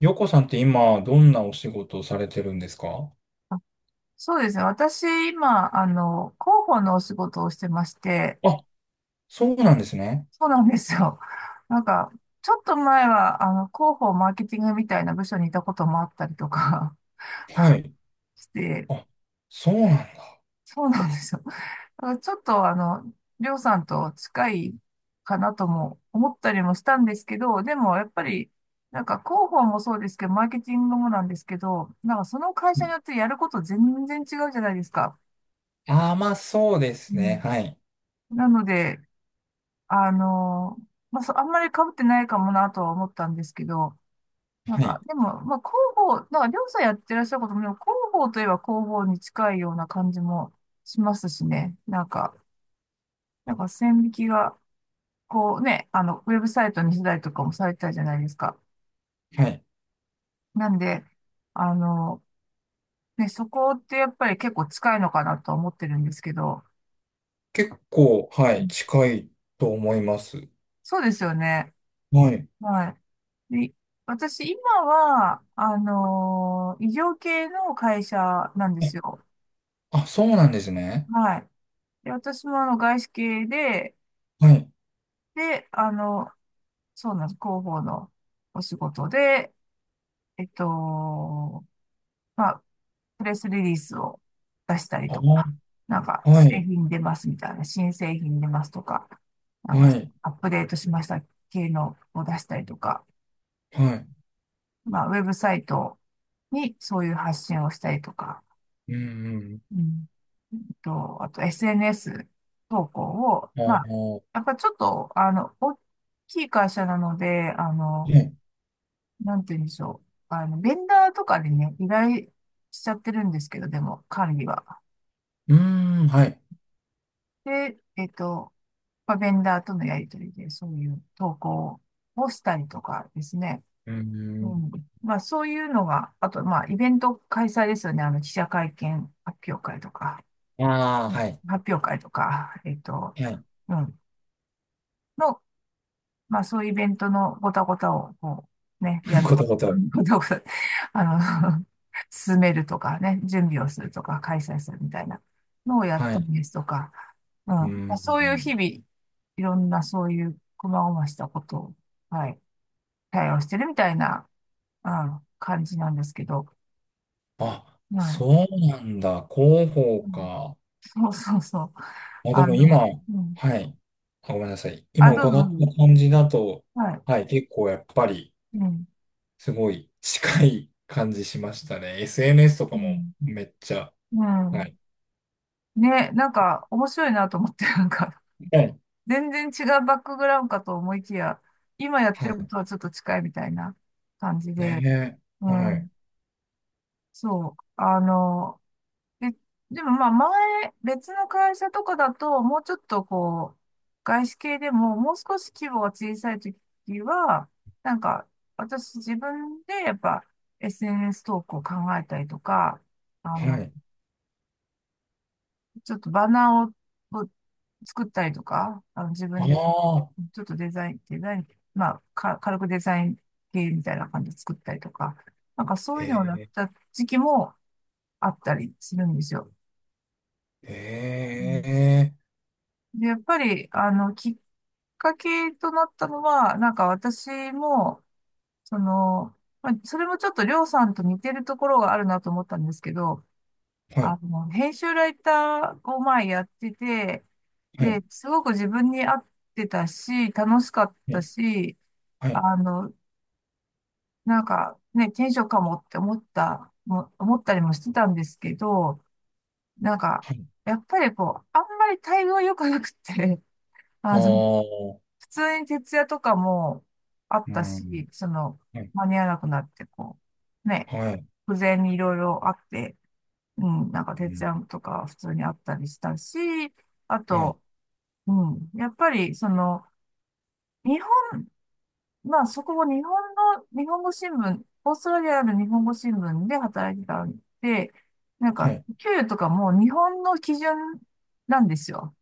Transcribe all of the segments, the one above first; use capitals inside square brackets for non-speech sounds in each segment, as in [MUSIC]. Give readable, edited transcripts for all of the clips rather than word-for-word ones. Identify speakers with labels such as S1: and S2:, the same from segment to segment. S1: ヨコさんって今、どんなお仕事をされてるんですか？
S2: そうですね。私、今、広報のお仕事をしてまして、
S1: あ、そうなんですね。
S2: そうなんですよ。[LAUGHS] なんか、ちょっと前は、広報マーケティングみたいな部署にいたこともあったりとか
S1: はい。
S2: [LAUGHS] して、
S1: あ、そうなんだ。
S2: そうなんですよ。だからちょっと、りょうさんと近いかなとも思ったりもしたんですけど、でも、やっぱり、なんか、広報もそうですけど、マーケティングもなんですけど、なんか、その会社
S1: う、
S2: によってやること全然違うじゃないですか。
S1: あ、まあそうで
S2: う
S1: すね。
S2: ん、
S1: はい。
S2: なので、あの、まあ、そう、あんまり被ってないかもなとは思ったんですけど、なん
S1: は
S2: か、
S1: い。
S2: でも、まあ、広報、なんか、りょうさんやってらっしゃることも、でも広報といえば広報に近いような感じもしますしね。なんか、なんか線引きが、こうね、ウェブサイトにしたりとかもされてたじゃないですか。
S1: はい。
S2: なんで、あの、ね、そこってやっぱり結構近いのかなとは思ってるんですけど、
S1: 結構、は
S2: う
S1: い、
S2: ん、
S1: 近いと思います。
S2: そうですよね。
S1: はい。
S2: はい。で、私、今は、医療系の会社なんです
S1: え、
S2: よ。
S1: あ、そうなんですね。
S2: はい。で、私もあの外資系で、
S1: はい。
S2: で、そうなんです。広報のお仕事で、えっと、まあ、プレスリリースを出したり
S1: あ
S2: と
S1: ー、
S2: か、なんか、
S1: は
S2: 製
S1: い。
S2: 品出ますみたいな、新製品出ますとか、なん
S1: は
S2: か、
S1: い。
S2: アップデートしました系のを出したりとか、
S1: はい。
S2: まあ、ウェブサイトにそういう発信をしたりとか、
S1: うん。
S2: うん、と、あと SNS 投稿を、
S1: うん。
S2: ま
S1: あ
S2: あ、
S1: ー、
S2: やっぱちょっと、大きい会社なので、
S1: ね。
S2: なんて言うんでしょう。ベンダーとかでね、依頼しちゃってるんですけど、でも、管理は。
S1: うーん、はい。
S2: で、まあ、ベンダーとのやりとりで、そういう投稿をしたりとかですね。
S1: うー
S2: う
S1: ん。
S2: ん。まあ、そういうのが、あと、まあ、イベント開催ですよね。記者会見発表会とか、
S1: ああ、
S2: ね、
S1: はい。
S2: 発表会とか、
S1: はい。
S2: うん。の、まあそういうイベントのごたごたを、こう、ね、や
S1: [LAUGHS]
S2: る。
S1: ことこと。
S2: [LAUGHS] ごたごた、あの、[LAUGHS] 進めるとかね、準備をするとか、開催するみたいなのをやっ
S1: はい。
S2: たり
S1: う
S2: ですとか、うん。
S1: ー
S2: まあ、そういう日
S1: ん。
S2: 々、いろんなそういう細々したことを、はい、対応してるみたいな、うん、感じなんですけど、
S1: あ、
S2: はい。
S1: そうなんだ。広報
S2: うん、
S1: か。
S2: そうそうそう。
S1: まあで
S2: あ
S1: も今、
S2: の、うん。
S1: はい。あ、ごめんなさい。
S2: あ、
S1: 今
S2: どうぞ。
S1: 伺っ
S2: どう
S1: た
S2: ぞ、
S1: 感じだと、
S2: はい。
S1: はい、結構やっぱり、
S2: うん。
S1: すごい近い感じしましたね。SNS とか
S2: う
S1: も
S2: ん。
S1: めっちゃ、
S2: う
S1: は
S2: ん。
S1: い。
S2: ね、なんか面白いなと思って、なんか
S1: はい。
S2: 全然違うバックグラウンドかと思いきや、今やって
S1: は
S2: るこ
S1: い。
S2: とはちょっと近いみたいな感じで、
S1: ね。
S2: う
S1: え。はい。
S2: ん、そう、で、でもまあ前、別の会社とかだと、もうちょっとこう、外資系でも、もう少し規模が小さい時は、なんか私自分でやっぱ SNS 投稿を考えたりとか、あ
S1: は
S2: の、
S1: い。
S2: ちょっとバナーを作ったりとか、あの自
S1: あ
S2: 分で
S1: あ。
S2: ちょっとデザイン、デザイン、まあ、か、軽くデザイン系みたいな感じで作ったりとか、なんかそう
S1: え
S2: いうのをやっ
S1: え。
S2: た時期もあったりするんですよ。
S1: え
S2: うん、
S1: え。
S2: で、やっぱり、きっかけとなったのは、なんか私も、その、まあ、それもちょっとりょうさんと似てるところがあるなと思ったんですけど、
S1: はい。
S2: 編集ライターを前やってて、
S1: はい。
S2: で、すごく自分に合ってたし、楽しかっ
S1: は
S2: た
S1: い。
S2: し、
S1: はい。
S2: あの、なんかね、転職かもって思った、も思ったりもしてたんですけど、なんか、
S1: はい。
S2: やっぱりこう、あんまり待遇は良くなくて、[LAUGHS]
S1: あ
S2: あの、
S1: あ。
S2: 普通に徹夜とかもあっ
S1: う
S2: た
S1: ん。
S2: し、その、
S1: はい。
S2: 間に合わなくなって、こう、ね、
S1: はい。
S2: 不全にいろいろあって、うん、なんか
S1: う
S2: 徹
S1: ん。
S2: 夜とか普通にあったりしたし、あ
S1: はい。
S2: と、うん、やっぱり、その、日まあ、そこも日本の、日本語新聞、オーストラリアの日本語新聞で働いてたんで、なん
S1: は
S2: か、
S1: い。
S2: 給与とかも日本の基準なんですよ。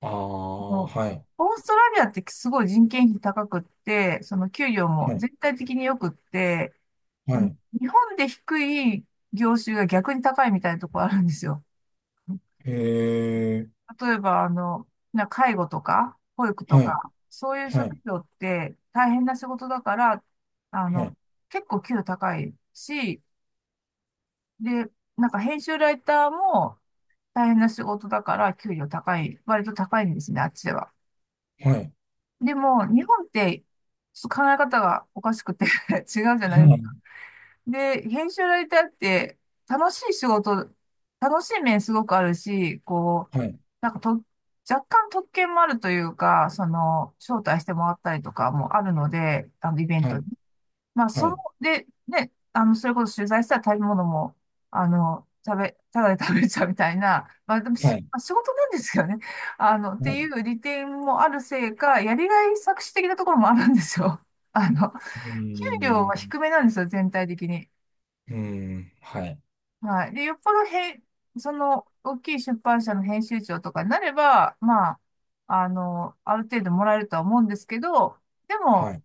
S1: ああ、
S2: もう
S1: はい。
S2: オーストラリアってすごい人件費高くって、その給料も
S1: はい、
S2: 全体的に良くって、
S1: は
S2: うん、
S1: い、
S2: 日本で低い業種が逆に高いみたいなとこあるんですよ。
S1: え
S2: 例えば、介護とか、保育と
S1: はい、
S2: か、そういう
S1: は
S2: 職
S1: い、
S2: 業って大変な仕事だから、あ
S1: は
S2: の、
S1: い、
S2: 結構給料高いし、で、なんか編集ライターも大変な仕事だから給料高い、割と高いんですね、あっちでは。
S1: はい、
S2: でも、日本って、ちょっと考え方がおかしくて [LAUGHS] 違うじゃないです。で、編集ライターって楽しい仕事、楽しい面すごくあるし、こう、
S1: はい、
S2: なんかと、若干特権もあるというか、その、招待してもらったりとかもあるので、イベン
S1: は
S2: トに。
S1: い、
S2: まあ、
S1: は
S2: その、
S1: い、
S2: で、ね、それこそ取材したら食べ物も、ただで食べちゃうみたいな、まあ、でもし、
S1: はい、
S2: まあ、仕事なんですよね。っ
S1: はい、は
S2: てい
S1: い。
S2: う利点もあるせいか、やりがい搾取的なところもあるんですよ。あの、給
S1: う
S2: 料
S1: ー
S2: は
S1: ん、
S2: 低めなんですよ、全体的に。
S1: うーん、はい、
S2: はい。で、よっぽどへ、その、大きい出版社の編集長とかになれば、まあ、ある程度もらえるとは思うんですけど、で
S1: は
S2: も、
S1: い、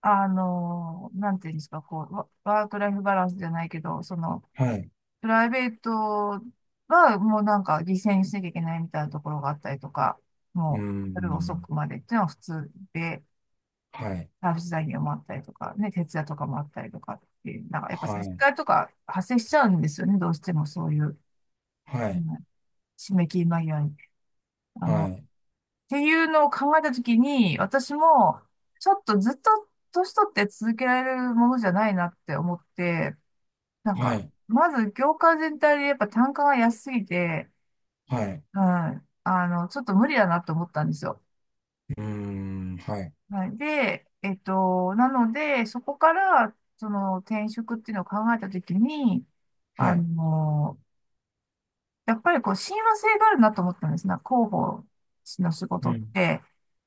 S2: なんていうんですか、こう、ワークライフバランスじゃないけど、その、
S1: はい、
S2: プライベートはもうなんか犠牲にしなきゃいけないみたいなところがあったりとか、
S1: うー
S2: もう、夜遅
S1: ん、
S2: くまでっていうのは普通で、
S1: はい、
S2: サービス残業もあったりとか、ね、徹夜とかもあったりとかっていう、なんかやっぱ接
S1: はい、
S2: 待とか発生しちゃうんですよね、どうしてもそういう。
S1: は
S2: う
S1: い、
S2: ん、締め切り間際に。
S1: はい、
S2: っていうのを考えたときに、私も、ちょっとずっと年取って続けられるものじゃないなって思って、なん
S1: は
S2: か、
S1: い、
S2: まず業界全体でやっぱ単価が安すぎて、
S1: はい、
S2: うん、ちょっと無理だなと思ったんですよ。
S1: うーん、はい、
S2: はい、で、なので、そこから、その転職っていうのを考えたときに、
S1: は
S2: あ
S1: い、
S2: の、やっぱりこう、親和性があるなと思ったんですね。広報の仕
S1: う
S2: 事っ
S1: ん、
S2: て、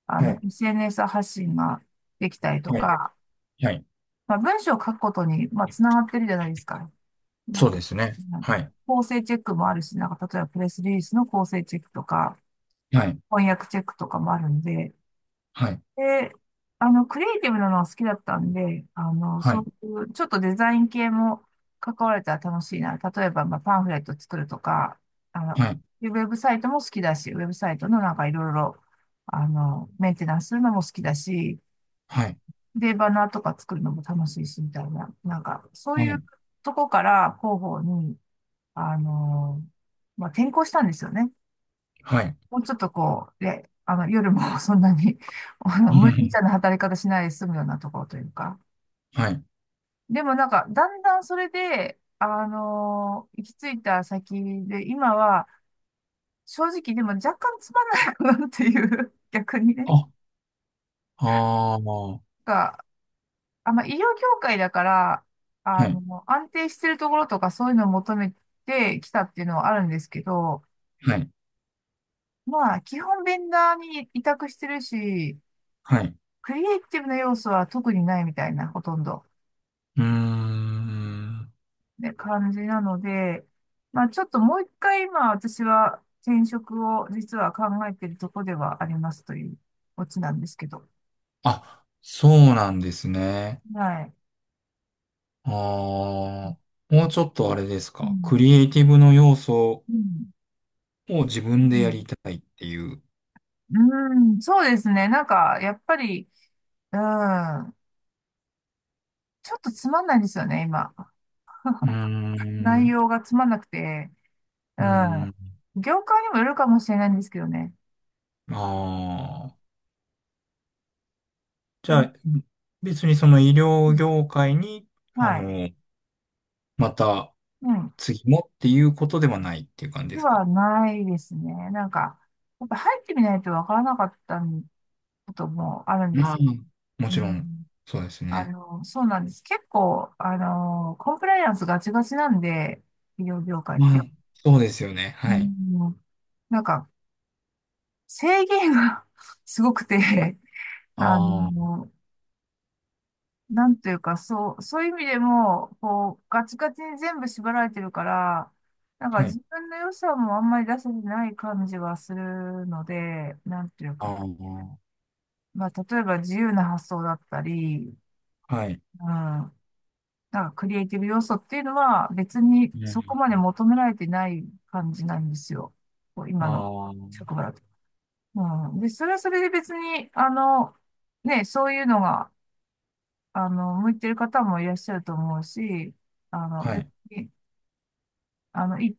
S1: はい、
S2: SNS 発信ができたりと
S1: はい、
S2: か、
S1: はい、
S2: まあ、文章を書くことに、まあ、つながってるじゃないですか。なん
S1: そう
S2: か、
S1: ですね。
S2: うん、
S1: はい、
S2: 構成チェックもあるし、なんか、例えばプレスリリースの構成チェックとか、
S1: はい、
S2: 翻訳チェックとかもあるんで、
S1: はい、
S2: で、クリエイティブなのは好きだったんで、
S1: は
S2: そう
S1: い、
S2: いう、ちょっとデザイン系も関われたら楽しいな。例えば、まあ、パンフレット作るとか、あ
S1: は
S2: の、
S1: い、
S2: ウェブサイトも好きだし、ウェブサイトのなんかいろいろ、メンテナンスするのも好きだし、
S1: はい、
S2: で、バナーとか作るのも楽しいし、みたいな、なんか、そう
S1: は
S2: いう
S1: い、
S2: とこから広報に、あの、まあ、転向したんですよね。
S1: はい、
S2: もうちょっとこう、で、夜も [LAUGHS] そんなに、無理ちゃんな働き方しないで済むようなところというか。
S1: はい、
S2: でもなんか、だんだんそれで、行き着いた先で、今は、正直でも若干つまんないなっていう、[LAUGHS] 逆にね。
S1: [LAUGHS] あ、ああ、は
S2: なんか、あんま医療業界だから、
S1: い、
S2: 安定してるところとかそういうのを求めてきたっていうのはあるんですけど、
S1: はい。
S2: まあ、基本ベンダーに委託してるし、
S1: はい。う
S2: クリエイティブな要素は特にないみたいな、ほとんど。
S1: ーん。
S2: ね、感じなので、まあちょっともう一回今私は転職を実は考えているところではありますというオチなんですけど。
S1: あ、そうなんですね。
S2: はい。
S1: あ
S2: う
S1: あ、もうちょっとあれですか。ク
S2: ん。
S1: リエイティブの要素
S2: うん。
S1: を自分でやりたいっていう。
S2: うん、うん、そうですね。なんか、やっぱり、うん、ちょっとつまんないですよね、今。
S1: うー
S2: 内
S1: ん。
S2: 容がつまんなくて、う
S1: うーん。
S2: ん。業界にもよるかもしれないんですけどね。
S1: ああ。じ
S2: う
S1: ゃ
S2: ん、
S1: あ、別にその医
S2: う
S1: 療
S2: ん、
S1: 業界に、あ
S2: はい。
S1: の、また
S2: うん。
S1: 次もっていうことではないっていう感じで
S2: で
S1: すか？
S2: はないですね。なんか、やっぱ入ってみないとわからなかったんこともあるんで
S1: まあ、
S2: す。
S1: も
S2: う
S1: ちろん、
S2: ん、
S1: そうですね。
S2: そうなんです。結構、コンプライアンスガチガチなんで、医療業界っ
S1: まあ、
S2: て。
S1: そうですよね。
S2: う
S1: はい。
S2: ん、なんか、制限が [LAUGHS] すごくて、あ
S1: ああ、
S2: の、なんというか、そう、そういう意味でも、こう、ガチガチに全部縛られてるから、なんか
S1: は
S2: 自
S1: い。
S2: 分の良さもあんまり出せてない感じはするので、なんという
S1: あ
S2: か、
S1: あ。
S2: まあ、例えば自由な発想だったり、
S1: はい。
S2: うん。なんかクリエイティブ要素っていうのは別に
S1: うん。
S2: そこまで求められてない感じなんですよ。こう今の
S1: ああ、
S2: 職場だと。うん。で、それはそれで別に、ね、そういうのが、向いてる方もいらっしゃると思うし、あの、
S1: は
S2: 別
S1: い。
S2: に、あの、いい、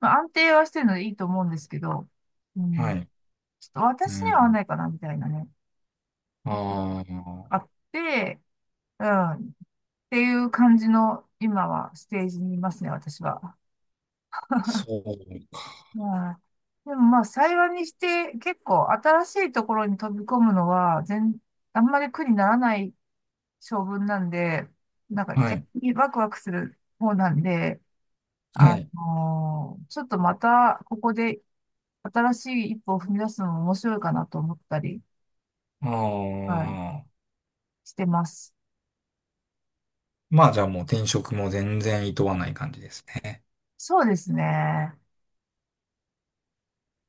S2: まあ、安定はしてるのでいいと思うんですけど、う
S1: は
S2: ん。
S1: い。
S2: ちょっと
S1: う
S2: 私には合わ
S1: ん。
S2: ないかな、みたいなね。
S1: ああ、
S2: あって、うん。っていう感じの、今はステージにいますね、私は。
S1: そうか。
S2: まあ、でもまあ、幸いにして結構新しいところに飛び込むのはあんまり苦にならない性分なんで、なんか
S1: は
S2: 逆
S1: い。
S2: にワクワクする方なんで、
S1: はい。
S2: ちょっとまたここで新しい一歩を踏み出すのも面白いかなと思ったり、はい、
S1: ああ、
S2: してます。
S1: まあじゃあもう転職も全然厭わない感じですね。
S2: そうですね。